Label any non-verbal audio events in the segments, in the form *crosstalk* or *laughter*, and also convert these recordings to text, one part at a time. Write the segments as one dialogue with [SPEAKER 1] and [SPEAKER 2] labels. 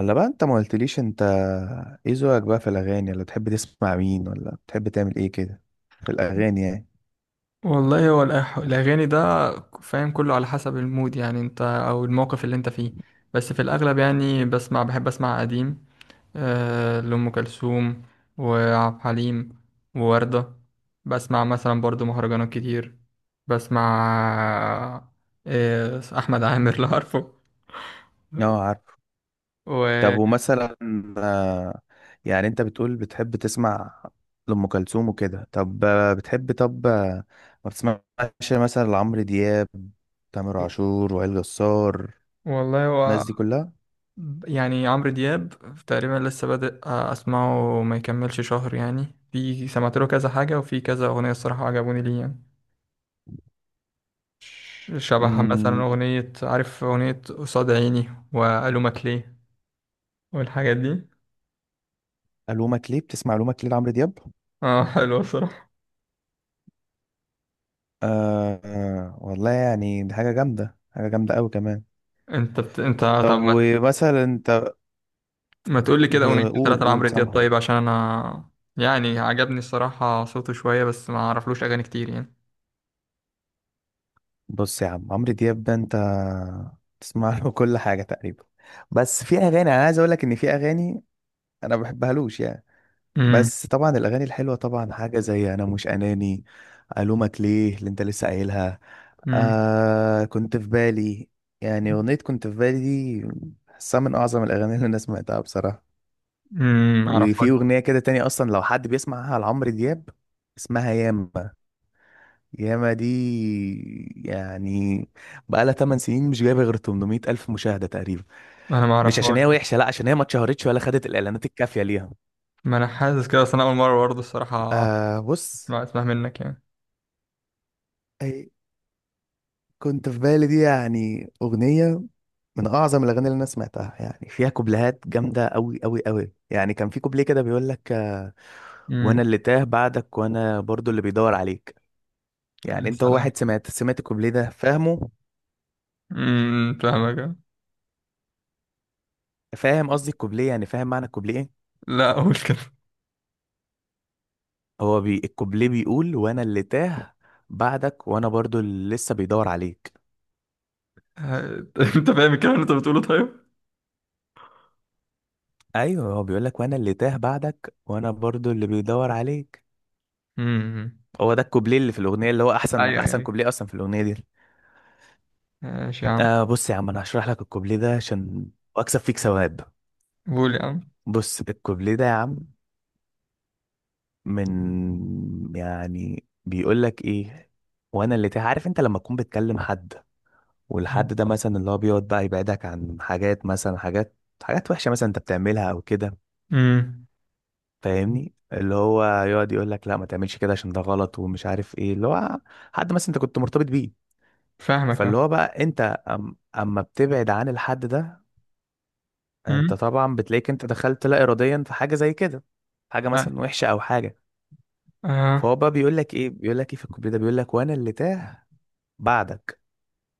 [SPEAKER 1] الا بقى انت ما قلتليش انت ايه ذوقك بقى في الاغاني، ولا تحب تسمع مين، ولا بتحب تعمل ايه كده في الاغاني يعني؟
[SPEAKER 2] والله هو الأغاني ده فاهم، كله على حسب المود، يعني أنت أو الموقف اللي أنت فيه. بس في الأغلب يعني بسمع، بحب أسمع قديم. آه، لأم كلثوم وعبد الحليم ووردة. بسمع مثلا برضو مهرجانات كتير. بسمع آه، أحمد عامر *laughs* لو عارفه.
[SPEAKER 1] اه عارف.
[SPEAKER 2] و...
[SPEAKER 1] طب ومثلا آه، يعني انت بتقول بتحب تسمع لأم كلثوم وكده، طب بتحب، طب ما بتسمعش مثلا لعمرو دياب، تامر عاشور، وائل جسار،
[SPEAKER 2] والله هو
[SPEAKER 1] الناس دي كلها؟
[SPEAKER 2] يعني عمرو دياب تقريبا لسه بادئ اسمعه، ما يكملش شهر يعني. في سمعت له كذا حاجه، وفي كذا اغنيه الصراحه عجبوني ليه يعني. شبه مثلا
[SPEAKER 1] امم
[SPEAKER 2] اغنيه، عارف اغنيه قصاد عيني والومك ليه والحاجات دي.
[SPEAKER 1] ألومك ليه، بتسمع ألومك ليه لعمرو دياب؟
[SPEAKER 2] اه، حلوه الصراحه.
[SPEAKER 1] آه والله يعني دي حاجة جامدة، حاجة جامدة أوي كمان.
[SPEAKER 2] انت
[SPEAKER 1] طب
[SPEAKER 2] طب
[SPEAKER 1] ومثلا انت،
[SPEAKER 2] ما تقول لي كده اغنيتين
[SPEAKER 1] بقول
[SPEAKER 2] ثلاثه
[SPEAKER 1] قول
[SPEAKER 2] لعمرو دياب
[SPEAKER 1] سامع،
[SPEAKER 2] طيب، عشان انا يعني عجبني الصراحه صوته شويه، بس ما اعرفلوش اغاني كتير يعني.
[SPEAKER 1] بص يا عم، عمرو دياب ده انت تسمع له *laughs* كل حاجه تقريبا، بس في اغاني انا عايز اقول لك ان في اغاني انا ما بحبهالوش يعني.
[SPEAKER 2] امم.
[SPEAKER 1] بس طبعا الاغاني الحلوه، طبعا حاجه زي انا مش اناني، الومك ليه اللي انت لسه قايلها،
[SPEAKER 2] امم.
[SPEAKER 1] آه كنت في بالي، يعني اغنيه كنت في بالي دي بحسها من اعظم الاغاني اللي انا سمعتها بصراحه.
[SPEAKER 2] ما اعرفهاش.
[SPEAKER 1] وفي اغنيه كده تانية اصلا لو حد بيسمعها لعمرو دياب، اسمها ياما، ياما دي يعني بقالها 8 سنين مش جايبه غير 800 الف مشاهده تقريبا.
[SPEAKER 2] انا ما
[SPEAKER 1] مش عشان
[SPEAKER 2] اعرفهاش.
[SPEAKER 1] هي وحشه، لا، عشان هي ما اتشهرتش ولا خدت الاعلانات الكافيه ليها.
[SPEAKER 2] ما انا حاسس كده، بس انا اول مره برضه الصراحه
[SPEAKER 1] آه بص،
[SPEAKER 2] لا اسمع منك يعني.
[SPEAKER 1] أي كنت في بالي دي يعني اغنيه من اعظم الاغاني اللي انا سمعتها، يعني فيها كوبليهات جامده قوي قوي قوي، يعني كان في كوبليه كده بيقول لك وانا
[SPEAKER 2] امم.
[SPEAKER 1] اللي تاه بعدك وانا برضو اللي بيدور عليك. يعني
[SPEAKER 2] يا
[SPEAKER 1] انت هو
[SPEAKER 2] سلام.
[SPEAKER 1] واحد سمعت الكوبليه ده فاهمه؟
[SPEAKER 2] امم، فاهمك آه.
[SPEAKER 1] فاهم قصدي الكوبليه، يعني فاهم معنى الكوبليه إيه؟
[SPEAKER 2] لا اقول كده.
[SPEAKER 1] هو بي الكوبليه بيقول وانا اللي تاه بعدك وانا برضو اللي لسه بيدور عليك.
[SPEAKER 2] آه، *laughs* انت فاهم الكلام اللي انت بتقوله طيب؟
[SPEAKER 1] ايوه هو بيقول لك وانا اللي تاه بعدك وانا برضو اللي بيدور عليك.
[SPEAKER 2] امم.
[SPEAKER 1] هو ده الكوبليه اللي في الاغنيه، اللي هو احسن
[SPEAKER 2] ايوه ايوه
[SPEAKER 1] احسن
[SPEAKER 2] ايوه،
[SPEAKER 1] كوبليه اصلا في الاغنيه دي.
[SPEAKER 2] ماشي يا عم.
[SPEAKER 1] آه بص يا عم، انا هشرح لك الكوبليه ده عشان اكسب فيك ثواب.
[SPEAKER 2] قول يا عم.
[SPEAKER 1] بص الكوبليه ده يا عم، من يعني بيقول لك ايه، وانا اللي تاه، عارف انت لما تكون بتكلم حد والحد ده مثلا اللي هو بيقعد بقى يبعدك عن حاجات، مثلا حاجات وحشه مثلا انت بتعملها او كده،
[SPEAKER 2] امم،
[SPEAKER 1] فاهمني، اللي هو يقعد يقول لك لا ما تعملش كده عشان ده غلط، ومش عارف ايه اللي هو، حد مثلا انت كنت مرتبط بيه.
[SPEAKER 2] فاهمك اه.
[SPEAKER 1] فاللي هو بقى انت أم اما بتبعد عن الحد ده، انت
[SPEAKER 2] امم.
[SPEAKER 1] طبعا بتلاقيك انت دخلت لا اراديا في حاجه زي كده، حاجه
[SPEAKER 2] لا.
[SPEAKER 1] مثلا وحشه او حاجه،
[SPEAKER 2] آه.
[SPEAKER 1] فهو بقى بيقول لك ايه، بيقول لك ايه في الكوبليه ده، بيقول لك وانا اللي تاه بعدك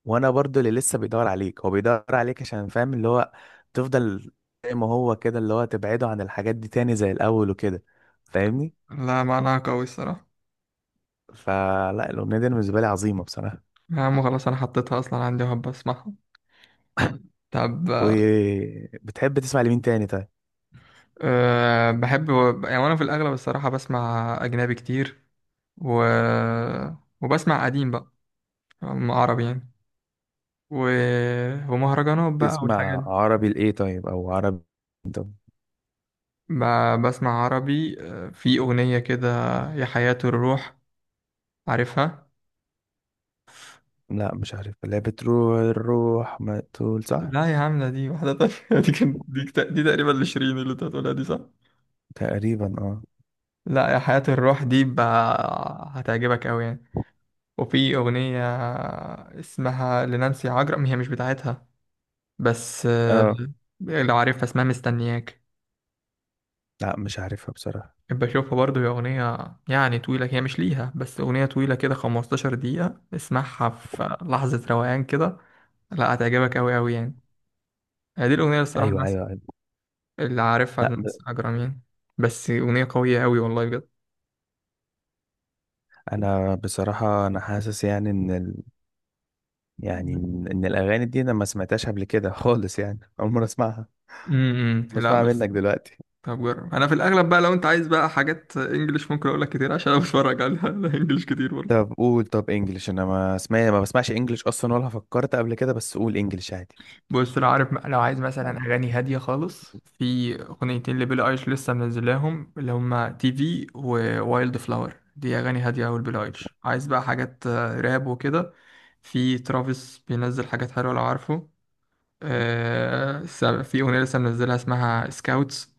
[SPEAKER 1] وانا برضو اللي لسه بيدور عليك. هو بيدور عليك عشان فاهم اللي هو تفضل زي ما هو كده، اللي هو تبعده عن الحاجات دي تاني زي الاول وكده، فاهمني.
[SPEAKER 2] لا، معناها قوي الصراحه.
[SPEAKER 1] فلا الأغنية دي أنا بالنسبة لي عظيمة بصراحة.
[SPEAKER 2] يا عم خلاص، انا حطيتها اصلا عندي وهبقى اسمعها. طب أه.
[SPEAKER 1] وبتحب تسمع لمين تاني طيب؟
[SPEAKER 2] أه، بحب يعني. وانا في الاغلب الصراحه بسمع اجنبي كتير، و وبسمع قديم بقى، عربي يعني. و... ومهرجانات بقى والحاجات
[SPEAKER 1] تسمع
[SPEAKER 2] دي.
[SPEAKER 1] عربي لإيه طيب، أو عربي، طب،
[SPEAKER 2] بسمع عربي آه، في أغنية كده، يا حياة الروح، عارفها؟
[SPEAKER 1] لا مش عارف، اللي هي بتروح الروح ما تقول، صح؟
[SPEAKER 2] لا يا عم، ده دي واحدة تانية *laughs* دي كان دي تقريبا لشيرين اللي انت هتقولها دي صح؟
[SPEAKER 1] تقريبا اه.
[SPEAKER 2] لا، يا حياة الروح دي بقى هتعجبك أوي يعني. وفي أغنية آه، اسمها لنانسي عجرم، هي مش بتاعتها بس آه،
[SPEAKER 1] اه
[SPEAKER 2] لو عارفها اسمها مستنياك.
[SPEAKER 1] لا مش عارفها بصراحة.
[SPEAKER 2] بحب اشوفها برضه، هي اغنيه يعني طويله، هي مش ليها بس اغنيه طويله كده، 15 دقيقه، اسمعها في لحظه روقان كده. لا، هتعجبك قوي قوي يعني. هي دي الاغنيه اللي الصراحه
[SPEAKER 1] أيوه أيوه
[SPEAKER 2] الناس
[SPEAKER 1] أيوه،
[SPEAKER 2] اللي عارفها
[SPEAKER 1] لا ب...
[SPEAKER 2] الناس اجرامين. بس اغنيه قويه قوي والله بجد.
[SPEAKER 1] أنا بصراحة أنا حاسس يعني يعني إن الأغاني دي أنا ما سمعتهاش قبل كده خالص، يعني أول مرة أسمعها،
[SPEAKER 2] امم. لا
[SPEAKER 1] بسمعها
[SPEAKER 2] بس
[SPEAKER 1] منك دلوقتي.
[SPEAKER 2] طب جرب. انا في الاغلب بقى لو انت عايز بقى حاجات انجليش ممكن اقول لك كتير، عشان انا *laughs* بتفرج على انجليش كتير برضه.
[SPEAKER 1] طب قول، طب انجلش، انا ما اسمع، ما بسمعش انجلش اصلا ولا فكرت قبل كده، بس قول انجلش عادي.
[SPEAKER 2] بص لو عارف، لو عايز مثلا اغاني هاديه خالص، في اغنيتين لبيلي ايليش لسه منزلاهم، اللي هما تي في ووايلد فلاور، دي اغاني هاديه اوي لبيلي ايليش. عايز بقى حاجات آه، راب وكده، في ترافيس بينزل حاجات حلوه لو عارفه. آه، في اغنيه لسه منزلها اسمها سكاوتس،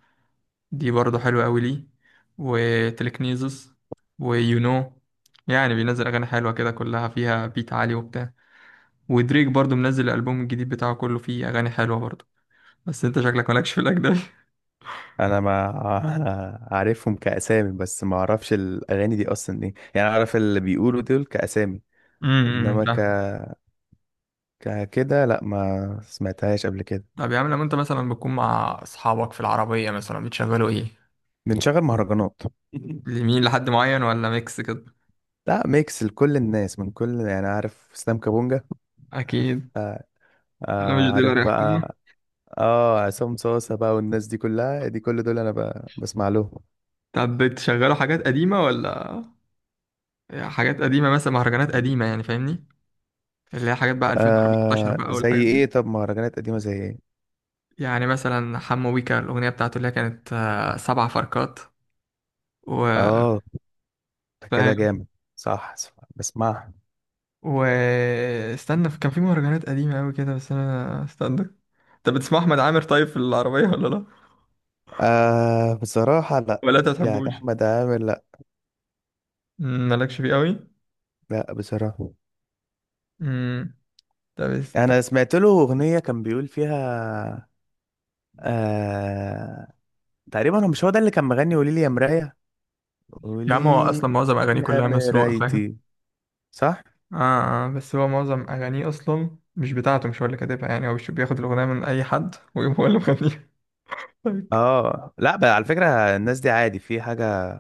[SPEAKER 2] دي برضه حلوه اوي ليه. وتلكنيزس، ويو نو، يعني بينزل اغاني حلوه كده كلها فيها بيت عالي وبتاع. ودريك برضه منزل الالبوم الجديد بتاعه كله فيه اغاني حلوه برضه. بس انت شكلك مالكش في الاجنبي.
[SPEAKER 1] انا ما *laughs* عارفهم كاسامي، بس ما اعرفش الاغاني دي اصلا ايه يعني، اعرف اللي بيقولوا دول كاسامي،
[SPEAKER 2] امم،
[SPEAKER 1] انما ك...
[SPEAKER 2] فاهم.
[SPEAKER 1] كده، لا ما سمعتهاش قبل كده.
[SPEAKER 2] طب يا عم، لما انت مثلا بتكون مع اصحابك في العربية مثلا بتشغلوا ايه؟
[SPEAKER 1] بنشغل مهرجانات.
[SPEAKER 2] لمين، لحد معين ولا ميكس كده؟
[SPEAKER 1] *laughs* لا ميكس لكل الناس، من كل، يعني عارف اسلام كابونجا؟ عارف
[SPEAKER 2] اكيد.
[SPEAKER 1] آه،
[SPEAKER 2] انا مش دي اللي
[SPEAKER 1] عارف
[SPEAKER 2] هريحكم.
[SPEAKER 1] بقى. اه عصام صاصة بقى، والناس دي كلها، دي كل دول انا بسمع لهم.
[SPEAKER 2] طب بتشغلوا حاجات قديمة ولا؟ حاجات قديمة مثلا، مهرجانات قديمة يعني فاهمني، اللي هي حاجات بقى 2014
[SPEAKER 1] آه
[SPEAKER 2] بقى
[SPEAKER 1] زي
[SPEAKER 2] والحاجات دي.
[SPEAKER 1] ايه طب؟ مهرجانات قديمة زي ايه؟
[SPEAKER 2] يعني مثلا حمو بيكا، الأغنية بتاعته اللي هي كانت آه، سبع فركات، وفاهم.
[SPEAKER 1] اه ده كده جامد، صح صح، بسمعها.
[SPEAKER 2] واستنى، كان في مهرجانات قديمة أوي كده، بس أنا استنى. أنت بتسمع أحمد عامر طيب في العربية ولا لأ؟
[SPEAKER 1] آه بصراحة لا.
[SPEAKER 2] ولا أنت
[SPEAKER 1] يعني
[SPEAKER 2] بتحبوش؟
[SPEAKER 1] أحمد عامر لا.
[SPEAKER 2] مم، مالكش فيه أوي؟
[SPEAKER 1] لا بصراحة.
[SPEAKER 2] مم، طب است-
[SPEAKER 1] أنا سمعت له أغنية كان بيقول فيها آه، تقريبا هو، مش هو ده اللي كان مغني قولي لي يا مراية،
[SPEAKER 2] يا
[SPEAKER 1] قولي
[SPEAKER 2] عم هو اصلا معظم اغانيه
[SPEAKER 1] يا
[SPEAKER 2] كلها مسروقه فاهم.
[SPEAKER 1] مرايتي، صح؟
[SPEAKER 2] آه. آه بس هو معظم أغانيه أصلا مش بتاعته، مش هو اللي كاتبها يعني، هو مش بياخد الأغنية من أي حد ويقوم هو اللي مغنيها؟ *laughs* طيب.
[SPEAKER 1] اه لا بقى على فكرة، الناس دي عادي، في حاجة،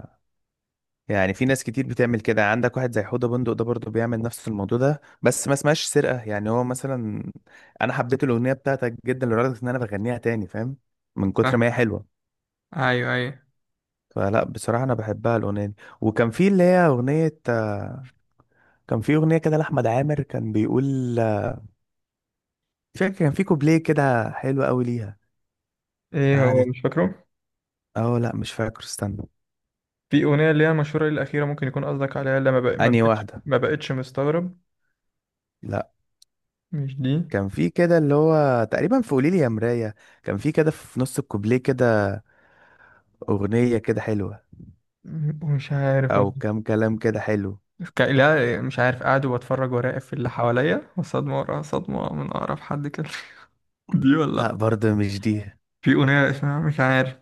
[SPEAKER 1] يعني في ناس كتير بتعمل كده، عندك واحد زي حوده بندق ده برضه بيعمل نفس الموضوع ده، بس ما اسمهاش سرقة، يعني هو مثلا أنا حبيت الأغنية بتاعتك جدا لدرجة إن أنا بغنيها تاني، فاهم؟ من كتر ما
[SPEAKER 2] آه.
[SPEAKER 1] هي حلوة.
[SPEAKER 2] ايوه ايوه.
[SPEAKER 1] فلا بصراحة أنا بحبها الأغنية دي. وكان في اللي هي أغنية كان في أغنية كده لأحمد عامر كان بيقول مش فاكر، كان في كوبليه كده حلو أوي ليها،
[SPEAKER 2] إيه هو
[SPEAKER 1] قعدت،
[SPEAKER 2] مش فاكره؟
[SPEAKER 1] أه لأ مش فاكر، استنى.
[SPEAKER 2] في أغنية اللي هي مشهورة الأخيرة ممكن يكون قصدك عليها، اللي
[SPEAKER 1] أنهي واحدة؟
[SPEAKER 2] ما بقتش مستغرب.
[SPEAKER 1] لأ،
[SPEAKER 2] مش دي.
[SPEAKER 1] كان في كده اللي هو تقريبا في قوليلي يا مراية، كان في كده في نص الكوبليه كده، أغنية كده حلوة،
[SPEAKER 2] مش عارف
[SPEAKER 1] أو
[SPEAKER 2] والله.
[SPEAKER 1] كام كلام كده حلو.
[SPEAKER 2] لا مش عارف، قاعد وبتفرج وراقب في اللي حواليا وصدمة ورا صدمة من أقرب حد كده، *laughs* دي
[SPEAKER 1] لأ
[SPEAKER 2] ولا
[SPEAKER 1] برضه مش دي.
[SPEAKER 2] في أغنية اسمها مش عارف.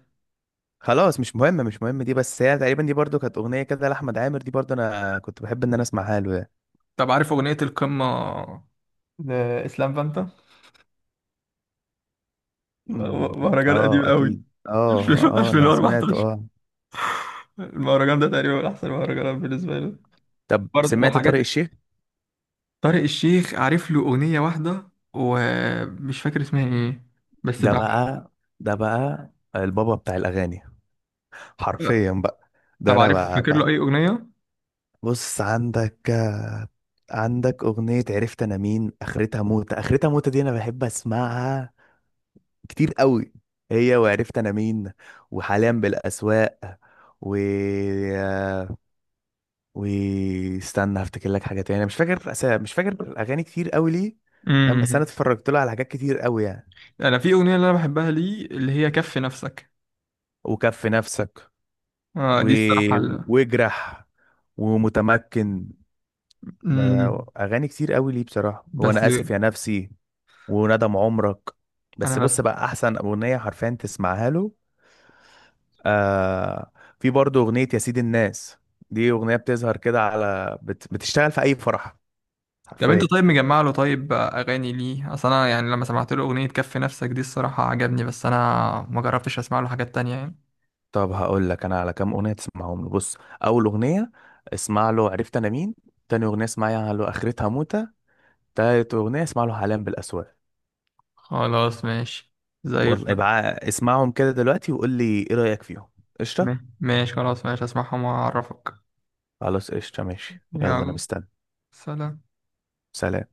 [SPEAKER 1] خلاص مش مهم، مش مهم دي، بس هي تقريبا دي برضه كانت أغنية كده لأحمد عامر، دي برضه أنا كنت بحب إن أنا أسمعها له يعني.
[SPEAKER 2] طب عارف أغنية القمة لإسلام فانتا؟
[SPEAKER 1] مم.
[SPEAKER 2] مهرجان قديم
[SPEAKER 1] اه
[SPEAKER 2] قوي
[SPEAKER 1] اكيد، اه
[SPEAKER 2] *laughs*
[SPEAKER 1] اه انا سمعت
[SPEAKER 2] 2014.
[SPEAKER 1] اه.
[SPEAKER 2] المهرجان ده تقريبا من أحسن المهرجانات بالنسبة لي.
[SPEAKER 1] طب
[SPEAKER 2] برضه
[SPEAKER 1] سمعت طارق
[SPEAKER 2] وحاجات.
[SPEAKER 1] الشيخ؟
[SPEAKER 2] طارق الشيخ عارف له أغنية واحدة ومش فاكر اسمها إيه، بس
[SPEAKER 1] ده
[SPEAKER 2] بقى.
[SPEAKER 1] بقى، ده بقى البابا بتاع الاغاني حرفيا بقى، ده
[SPEAKER 2] طب
[SPEAKER 1] انا
[SPEAKER 2] عارف
[SPEAKER 1] بقى,
[SPEAKER 2] فاكر له
[SPEAKER 1] بقى
[SPEAKER 2] أي أغنية؟
[SPEAKER 1] بص عندك عندك اغنية عرفت انا مين، اخرتها موتة، اخرتها موتة دي انا بحب اسمعها كتير قوي، هي وعرفت انا مين، وحاليا بالاسواق، و واستنى هفتكر لك حاجه تاني، انا مش فاكر مش فاكر اغاني كتير قوي ليه، فاهم، بس انا
[SPEAKER 2] مم.
[SPEAKER 1] اتفرجت له على حاجات كتير قوي يعني،
[SPEAKER 2] انا في اغنيه اللي انا بحبها ليه اللي هي كف نفسك.
[SPEAKER 1] وكف نفسك،
[SPEAKER 2] آه
[SPEAKER 1] و...
[SPEAKER 2] دي الصراحه
[SPEAKER 1] واجرح ومتمكن، ب-
[SPEAKER 2] مم.
[SPEAKER 1] اغاني كتير قوي ليه بصراحه،
[SPEAKER 2] بس
[SPEAKER 1] وانا اسف يا نفسي، وندم عمرك، بس
[SPEAKER 2] بس
[SPEAKER 1] بص بقى احسن اغنيه حرفيا تسمعها له آه... في برضه اغنيه يا سيد الناس، دي اغنيه بتظهر كده على بتشتغل في اي فرح
[SPEAKER 2] طب انت
[SPEAKER 1] حرفيا.
[SPEAKER 2] طيب مجمع له طيب اغاني ليه؟ اصل انا يعني لما سمعت له اغنيه كف نفسك دي الصراحه عجبني، بس انا ما جربتش اسمع له حاجات تانية يعني.
[SPEAKER 1] طب هقول لك انا على كام اغنيه تسمعهم له، بص، اول اغنيه اسمع له عرفت انا مين، تاني اغنيه اسمعها له اخرتها موتة، تالت اغنيه اسمع له حلام بالاسواق.
[SPEAKER 2] خلاص ماشي، زي
[SPEAKER 1] والله
[SPEAKER 2] الفل.
[SPEAKER 1] ابقى اسمعهم كده دلوقتي وقول لي ايه رايك فيهم. قشطه،
[SPEAKER 2] ماشي خلاص، ماشي اسمعهم واعرفك.
[SPEAKER 1] خلاص قشطه، ماشي، يلا انا
[SPEAKER 2] يلا،
[SPEAKER 1] مستني.
[SPEAKER 2] سلام.
[SPEAKER 1] سلام.